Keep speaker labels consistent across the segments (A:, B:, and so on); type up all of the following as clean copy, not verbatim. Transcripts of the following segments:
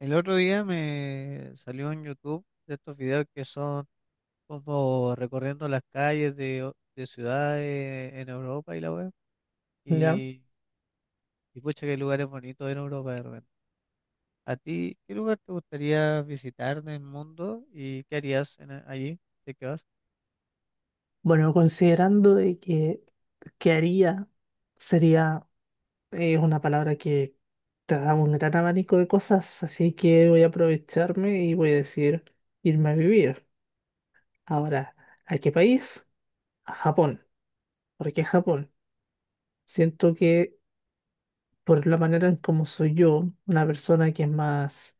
A: El otro día me salió en YouTube de estos videos que son como recorriendo las calles de ciudades en Europa y la web.
B: Ya.
A: Y, y pucha, qué lugares bonitos en Europa de repente. ¿A ti qué lugar te gustaría visitar del mundo y qué harías en allí? ¿De qué vas?
B: Bueno, considerando de que haría sería es una palabra que te da un gran abanico de cosas, así que voy a aprovecharme y voy a decir irme a vivir. Ahora, ¿a qué país? A Japón. ¿Por qué Japón? Siento que por la manera en cómo soy yo, una persona que es más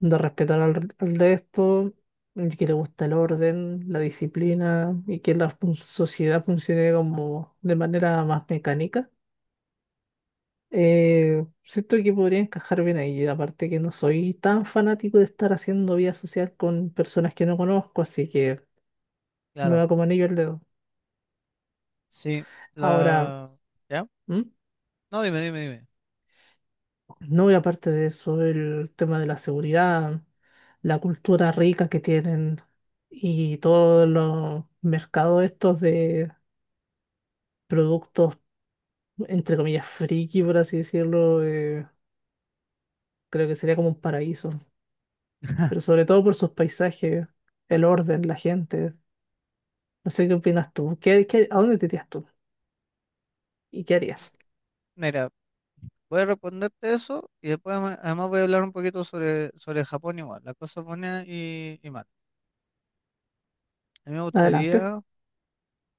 B: de respetar al resto, y que le gusta el orden, la disciplina y que la sociedad funcione como de manera más mecánica. Siento que podría encajar bien ahí, aparte que no soy tan fanático de estar haciendo vida social con personas que no conozco, así que me
A: Claro,
B: va como anillo el dedo.
A: sí.
B: Ahora,
A: La... ¿Ya?
B: ¿Mm?
A: No, dime, dime, dime.
B: No, y aparte de eso, el tema de la seguridad, la cultura rica que tienen y todos los mercados estos de productos, entre comillas, friki, por así decirlo, creo que sería como un paraíso, pero sobre todo por sus paisajes, el orden, la gente. No sé qué opinas tú. ¿A dónde te irías tú? ¿Y qué harías?
A: Mira, voy a responderte eso y después además voy a hablar un poquito sobre, Japón igual, las cosas buenas y malas. A mí me
B: Adelante.
A: gustaría.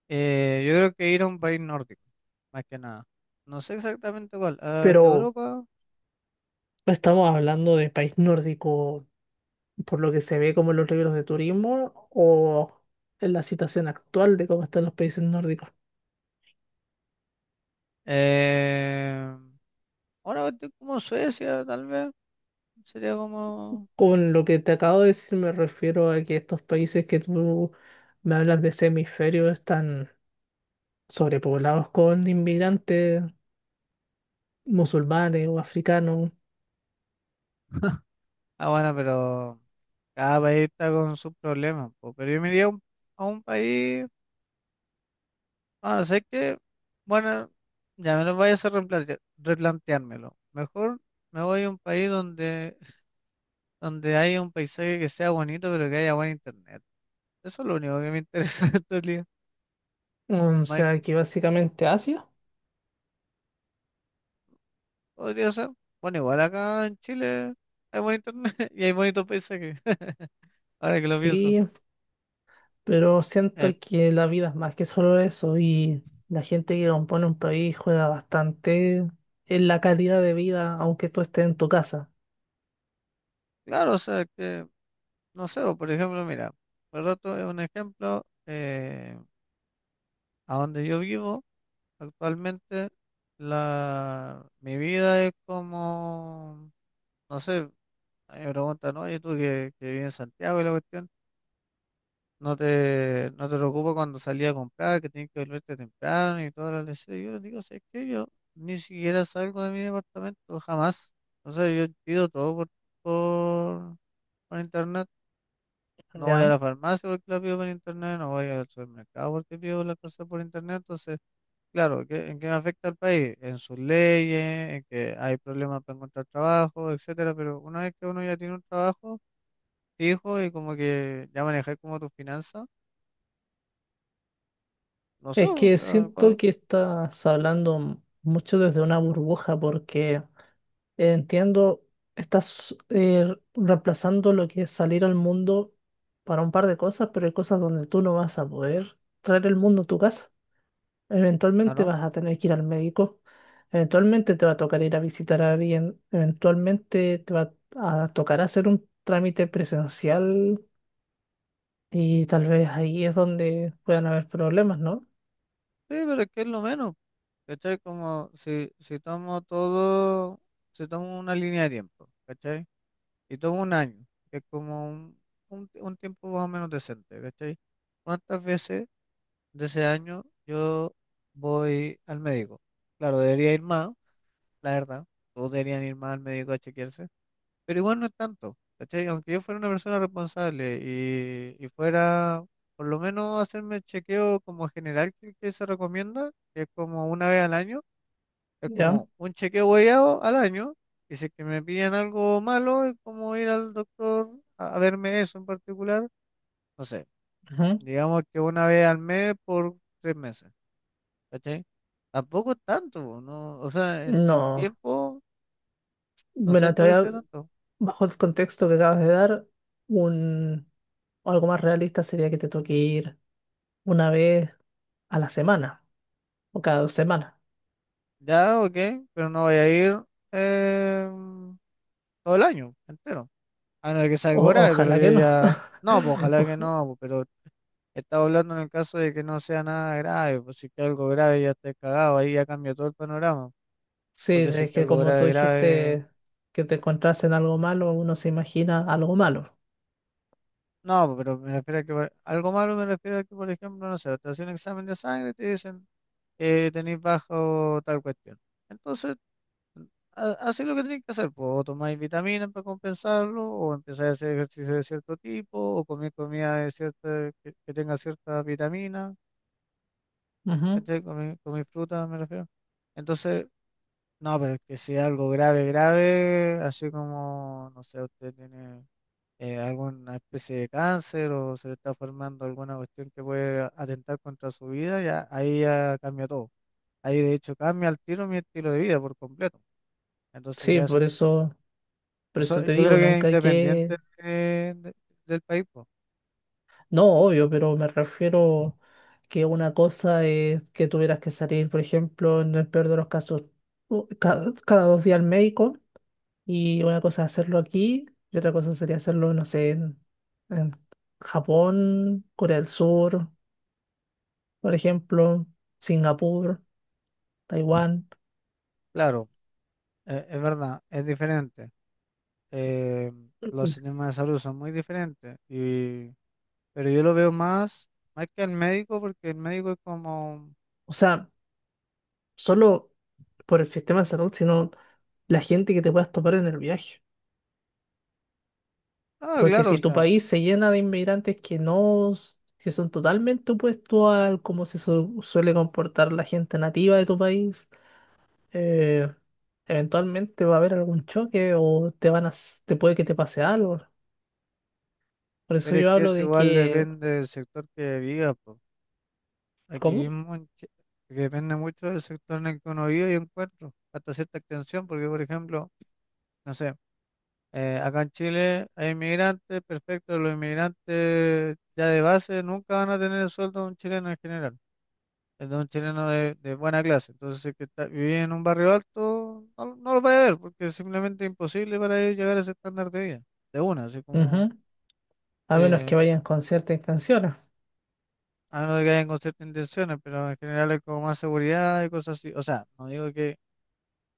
A: Yo creo que ir a un país nórdico, más que nada. No sé exactamente cuál, de
B: Pero
A: Europa.
B: estamos hablando de país nórdico, por lo que se ve como en los libros de turismo, o en la situación actual de cómo están los países nórdicos.
A: Eh, Ahora estoy como Suecia, tal vez. Sería como...
B: Con lo que te acabo de decir, me refiero a que estos países que tú me hablas de ese hemisferio están sobrepoblados con inmigrantes musulmanes o africanos.
A: Ah, bueno, pero cada país está con sus problemas, po. Pero yo me iría a un, país... Bueno, sé que... Bueno, ya me lo voy a hacer replanteármelo. Mejor me voy a un país donde, haya un paisaje que sea bonito, pero que haya buen internet. Eso es lo único que me interesa en realidad.
B: O sea, que básicamente Asia.
A: Podría ser. Bueno, igual acá en Chile hay buen internet y hay bonitos paisajes. Ahora que lo pienso.
B: Sí, pero siento
A: Eh,
B: que la vida es más que solo eso y la gente que compone un país juega bastante en la calidad de vida, aunque tú estés en tu casa.
A: claro, o sea que, no sé, o por ejemplo, mira, por rato es un ejemplo, a donde yo vivo actualmente, mi vida es como, no sé, a mí me preguntan, oye, tú que vives en Santiago y la cuestión. No te preocupes cuando salí a comprar, que tienes que volverte temprano y todas las leches. Yo le digo, ¿sabes qué? Yo ni siquiera salgo de mi departamento, jamás. O sea, yo pido todo por, por internet. No voy a
B: ¿Ya?
A: la farmacia porque la pido por internet, no voy al supermercado porque pido las cosas por internet. Entonces, claro, ¿en qué me afecta al país? En sus leyes, en que hay problemas para encontrar trabajo, etcétera. Pero una vez que uno ya tiene un trabajo fijo y como que ya manejáis como tus finanzas, no sé,
B: Es
A: o
B: que
A: sea...
B: siento que estás hablando mucho desde una burbuja porque entiendo, estás reemplazando lo que es salir al mundo para un par de cosas, pero hay cosas donde tú no vas a poder traer el mundo a tu casa.
A: Ah,
B: Eventualmente
A: ¿no?
B: vas a tener que ir al médico, eventualmente te va a tocar ir a visitar a alguien, eventualmente te va a tocar hacer un trámite presencial y tal vez ahí es donde puedan haber problemas, ¿no?
A: Sí, pero es que es lo menos, ¿cachai? Como si tomo todo, si tomo una línea de tiempo, ¿cachai? Y tomo un año, que es como un tiempo más o menos decente, ¿cachai? ¿Cuántas veces de ese año yo voy al médico? Claro, debería ir más, la verdad, todos deberían ir más al médico a chequearse. Pero igual no es tanto, ¿cachai? Aunque yo fuera una persona responsable y fuera por lo menos hacerme el chequeo como general que se recomienda, que es como una vez al año, es
B: ¿Ya?
A: como un chequeo guiado al año, y si es que me pillan algo malo, es como ir al doctor a verme eso en particular, no sé,
B: Ujú.
A: digamos que una vez al mes por 3 meses, ¿cachai? Tampoco es tanto, no, o sea, en,
B: No.
A: tiempo no
B: Bueno,
A: siento que sea tanto.
B: bajo el contexto que acabas de dar, un, algo más realista sería que te toque ir una vez a la semana o cada dos semanas.
A: Ya, ok, pero no voy a ir eh, todo el año entero. A no ser que sea algo
B: O-
A: grave, pero
B: ojalá
A: ya,
B: que no.
A: ya. No, pues ojalá que no, pues, pero estaba hablando en el caso de que no sea nada grave, pues si es que algo grave ya estés cagado, ahí ya cambia todo el panorama.
B: Sí,
A: Porque si es
B: es
A: que
B: que
A: algo
B: como tú
A: grave, grave.
B: dijiste que te encontraste en algo malo, uno se imagina algo malo.
A: No, pues, pero me refiero a que algo malo me refiero a que, por ejemplo, no sé, te hacen un examen de sangre y te dicen que tenés bajo tal cuestión. Entonces hacéis lo que tenéis que hacer, pues, o tomáis vitaminas para compensarlo, o empezáis a hacer ejercicio de cierto tipo, o comer comida de cierta, que tenga cierta vitamina,
B: Ujú.
A: ¿cachai? Comí fruta, me refiero. Entonces, no, pero es que si es algo grave, grave, así como, no sé, usted tiene alguna especie de cáncer o se le está formando alguna cuestión que puede atentar contra su vida, ya ahí ya cambia todo. Ahí de hecho cambia el tiro mi estilo de vida por completo. Entonces
B: Sí,
A: ya es...
B: por eso
A: Eso,
B: te
A: yo creo
B: digo,
A: que es
B: nunca hay que,
A: independiente del país, pues.
B: no, obvio, pero me refiero que una cosa es que tuvieras que salir, por ejemplo, en el peor de los casos, cada dos días al médico, y una cosa es hacerlo aquí, y otra cosa sería hacerlo, no sé, en Japón, Corea del Sur, por ejemplo, Singapur, Taiwán.
A: Claro, es verdad, es diferente. Eh, los
B: Ujú.
A: sistemas de salud son muy diferentes, y pero yo lo veo más, que el médico, porque el médico es como,
B: O sea, solo por el sistema de salud, sino la gente que te puedas topar en el viaje. Porque
A: claro, o
B: si tu
A: sea,
B: país se llena de inmigrantes que no, que son totalmente opuestos al cómo se suele comportar la gente nativa de tu país, eh, eventualmente va a haber algún choque o te van a, s- te puede que te pase algo. Por eso
A: pero es
B: yo
A: que
B: hablo
A: eso
B: de
A: igual
B: que,
A: depende del sector que viva, pues. Aquí
B: ¿cómo?
A: mismo en Chi-, depende mucho del sector en el que uno vive y encuentro, hasta cierta extensión, porque por ejemplo, no sé. Acá en Chile hay inmigrantes, perfecto, los inmigrantes ya de base nunca van a tener el sueldo de un chileno en general, el de un chileno de buena clase. Entonces, si es que está, viví en un barrio alto, no, no lo vaya a ver, porque es simplemente imposible para ellos llegar a ese estándar de vida, de una, así como,
B: Ujú. A menos que
A: eh,
B: vayan con cierta intención.
A: a menos de que hayan con ciertas intenciones, pero en general hay como más seguridad y cosas así. O sea, no digo que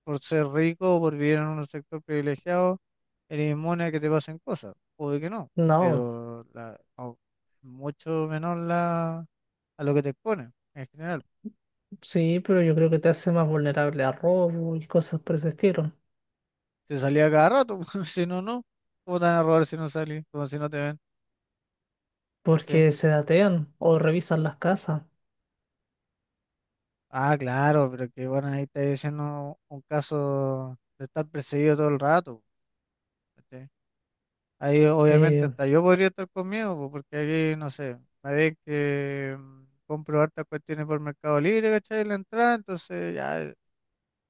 A: por ser rico o por vivir en un sector privilegiado eres inmune a que te pasen cosas, puede que no,
B: No,
A: pero mucho menor la, a lo que te exponen en general.
B: sí, pero yo creo que te hace más vulnerable a robo y cosas por ese estilo.
A: Te salía cada rato, si no, no. ¿Cómo te van a robar si no salís? Como si no te ven, ¿cachai?
B: Porque se datean o revisan las casas.
A: Ah, claro, pero que bueno, ahí está diciendo un caso de estar perseguido todo el rato, ¿cachai? Ahí obviamente
B: Eh,
A: hasta yo podría estar conmigo, po, porque aquí, no sé, me ven que mm, compro hartas cuestiones por Mercado Libre, ¿cachai? La entrada, entonces ya.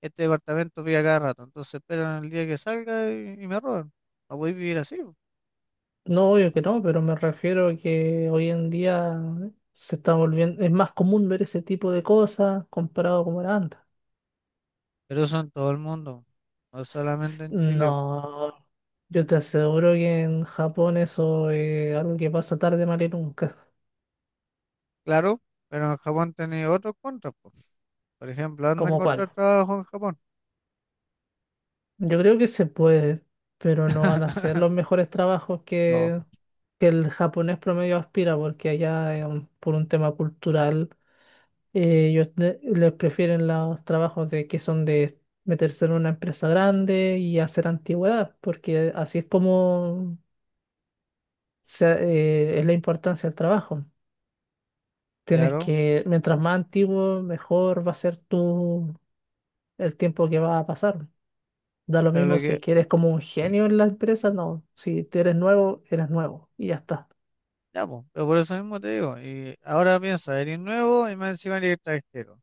A: Este departamento pide a cada rato, entonces esperan el día que salga y me roban. No voy a vivir así, po.
B: no, obvio
A: ¿No?
B: que no, pero me refiero a que hoy en día se está volviendo, es más común ver ese tipo de cosas comparado como era antes.
A: Pero eso en todo el mundo, no solamente en Chile.
B: No, yo te aseguro que en Japón eso es algo que pasa tarde, mal y nunca.
A: Claro, pero en Japón tenéis otros contras, po. Por ejemplo, anda a
B: ¿Como cuál?
A: encontrar trabajo en Japón.
B: Yo creo que se puede, pero no van a ser los mejores
A: No,
B: que el japonés promedio aspira, porque allá, por un tema cultural. Ellos les prefieren los trabajos de que son de meterse en una empresa grande y hacer antigüedad, porque así es como se- es la importancia del trabajo. Tienes
A: claro,
B: que, mientras más antiguo, mejor va a ser el tiempo que va a pasar. Da lo
A: pero lo
B: mismo si es
A: que,
B: que eres como un genio en la empresa, no. Si te eres nuevo y ya está.
A: ya, po, pero por eso mismo te digo, y ahora piensa, eres nuevo y más encima eres extranjero.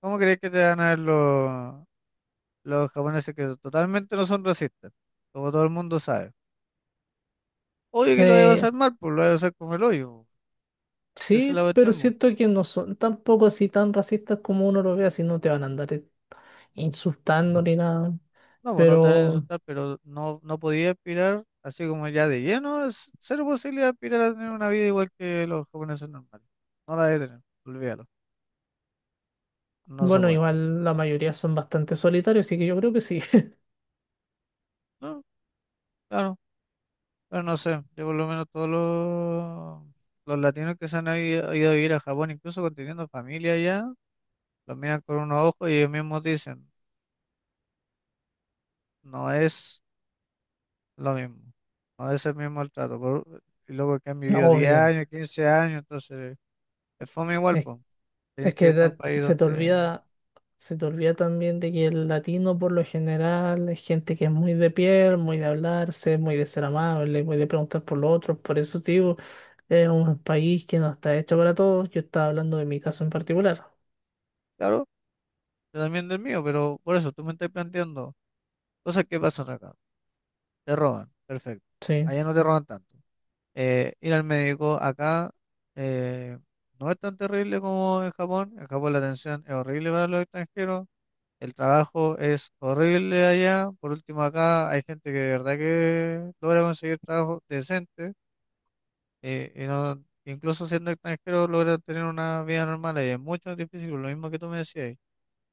A: ¿Cómo crees que te van a ver los japoneses que totalmente no son racistas? Como todo el mundo sabe. Obvio que lo voy a
B: Eh,
A: pasar mal, pues lo voy a pasar como el hoyo. Esa es la
B: sí, pero
A: cuestión, po.
B: siento que no son tampoco así tan racistas como uno lo vea, si no te van a andar insultando ni nada.
A: No, pues no te van a
B: Pero
A: insultar, pero no, no podía aspirar así como ya de lleno. Es cero posibilidad de aspirar a tener una vida igual que los japoneses normales. No la debe tener, olvídalo. No se
B: bueno,
A: puede.
B: igual la mayoría son bastante solitarios, así que yo creo que sí.
A: No, claro, pero no sé. Yo por lo menos todos los latinos que se han ido a vivir a Japón, incluso con teniendo familia allá, los miran con unos ojos y ellos mismos dicen, no es lo mismo. No es el mismo el trato, por- y luego que han vivido 10
B: Obvio.
A: años, 15 años, entonces... Es fome igual,
B: Es,
A: pues. Tienes
B: es
A: que
B: que
A: irte a un país donde...
B: se te olvida también de que el latino por lo general es gente que es muy de piel, muy de hablarse, muy de ser amable, muy de preguntar por los otros. Por eso, tío, es un país que no está hecho para todos. Yo estaba hablando de mi caso en particular.
A: Claro, yo también del mío, pero por eso tú me estás planteando cosas que pasan acá. Te roban, perfecto.
B: Sí.
A: Allá no te roban tanto. Ir al médico acá eh, no es tan terrible como en Japón. En Japón la atención es horrible para los extranjeros. El trabajo es horrible allá. Por último, acá hay gente que de verdad que logra conseguir trabajo decente, y no, incluso siendo extranjero logra tener una vida normal allá. Es mucho más difícil, lo mismo que tú me decías.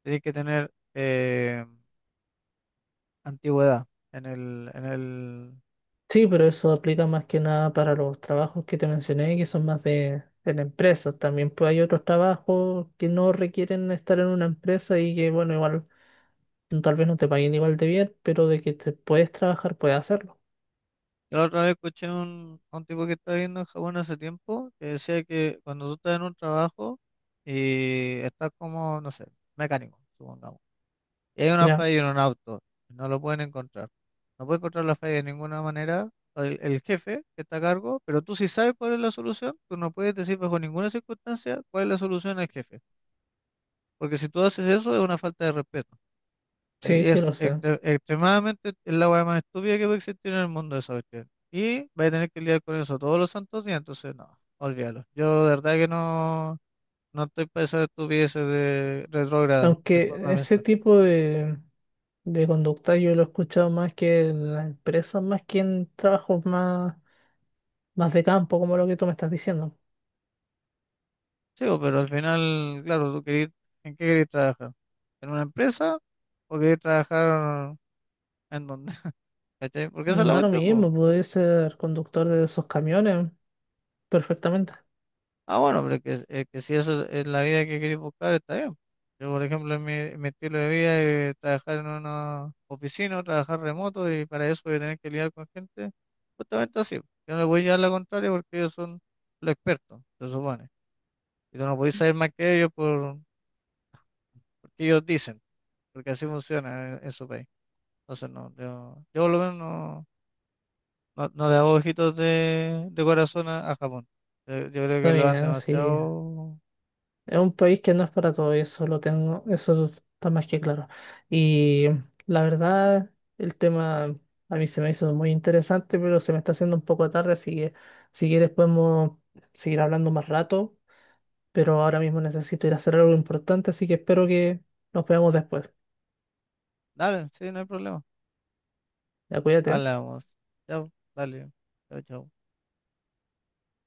A: Tienes que tener antigüedad en el...
B: Sí, pero eso aplica más que nada para los trabajos que te mencioné, que son más de la empresa. También pues, hay otros trabajos que no requieren estar en una empresa y que, bueno, igual no, tal vez no te paguen igual de bien, pero de que te puedes trabajar, puedes hacerlo.
A: Yo la otra vez escuché un, a un tipo que estaba viendo en Japón hace tiempo que decía que cuando tú estás en un trabajo y estás como, no sé, mecánico, supongamos, y hay una
B: Ya,
A: falla en un auto, no lo pueden encontrar. No puede encontrar la falla de ninguna manera el jefe que está a cargo, pero tú sí sabes cuál es la solución, tú no puedes decir bajo ninguna circunstancia cuál es la solución al jefe, porque si tú haces eso es una falta de respeto.
B: sí, sí
A: Es
B: lo sé.
A: extremadamente es la weá más estúpida que puede existir en el mundo esa cuestión. Y vais a tener que lidiar con eso todos los santos días, entonces no, olvídalo. Yo de verdad que no, no estoy para esas estupideces de retrógrada, de
B: Aunque
A: forma de
B: ese
A: pensar.
B: tipo de conducta yo lo he escuchado más que en las empresas, más que en trabajos más de campo, como lo que tú me estás diciendo.
A: Sí, bo, pero al final, claro, tú querís, ¿en qué querés trabajar? ¿En una empresa o querés trabajar en dónde? ¿Cachai? Porque esa es
B: Mm,
A: la
B: da lo
A: cuestión, po.
B: mismo, puedes ser conductor de esos camiones perfectamente.
A: Ah, bueno, pero es que si eso es la vida que queréis buscar, está bien. Yo, por ejemplo, en mi estilo de vida es trabajar en una oficina, o trabajar remoto y para eso voy a tener que lidiar con gente. Justamente así. Yo no le voy a llevar la contraria porque ellos son los expertos, se supone. Y tú no podéis saber más que ellos porque ellos dicen, porque así funciona en, su país. Entonces, no, yo por lo menos no le hago ojitos de corazón a Japón. Yo creo
B: Está
A: que lo han
B: bien, sí.
A: demasiado...
B: Es un país que no es para todo, y eso lo tengo, eso está más que claro. Y la verdad, el tema a mí se me hizo muy interesante, pero se me está haciendo un poco tarde, así que si quieres podemos seguir hablando más rato, pero ahora mismo necesito ir a hacer algo importante, así que espero que nos veamos después.
A: Dale, sí, no hay problema.
B: Ya, cuídate.
A: Hablamos. Chao, dale. Chao, chao.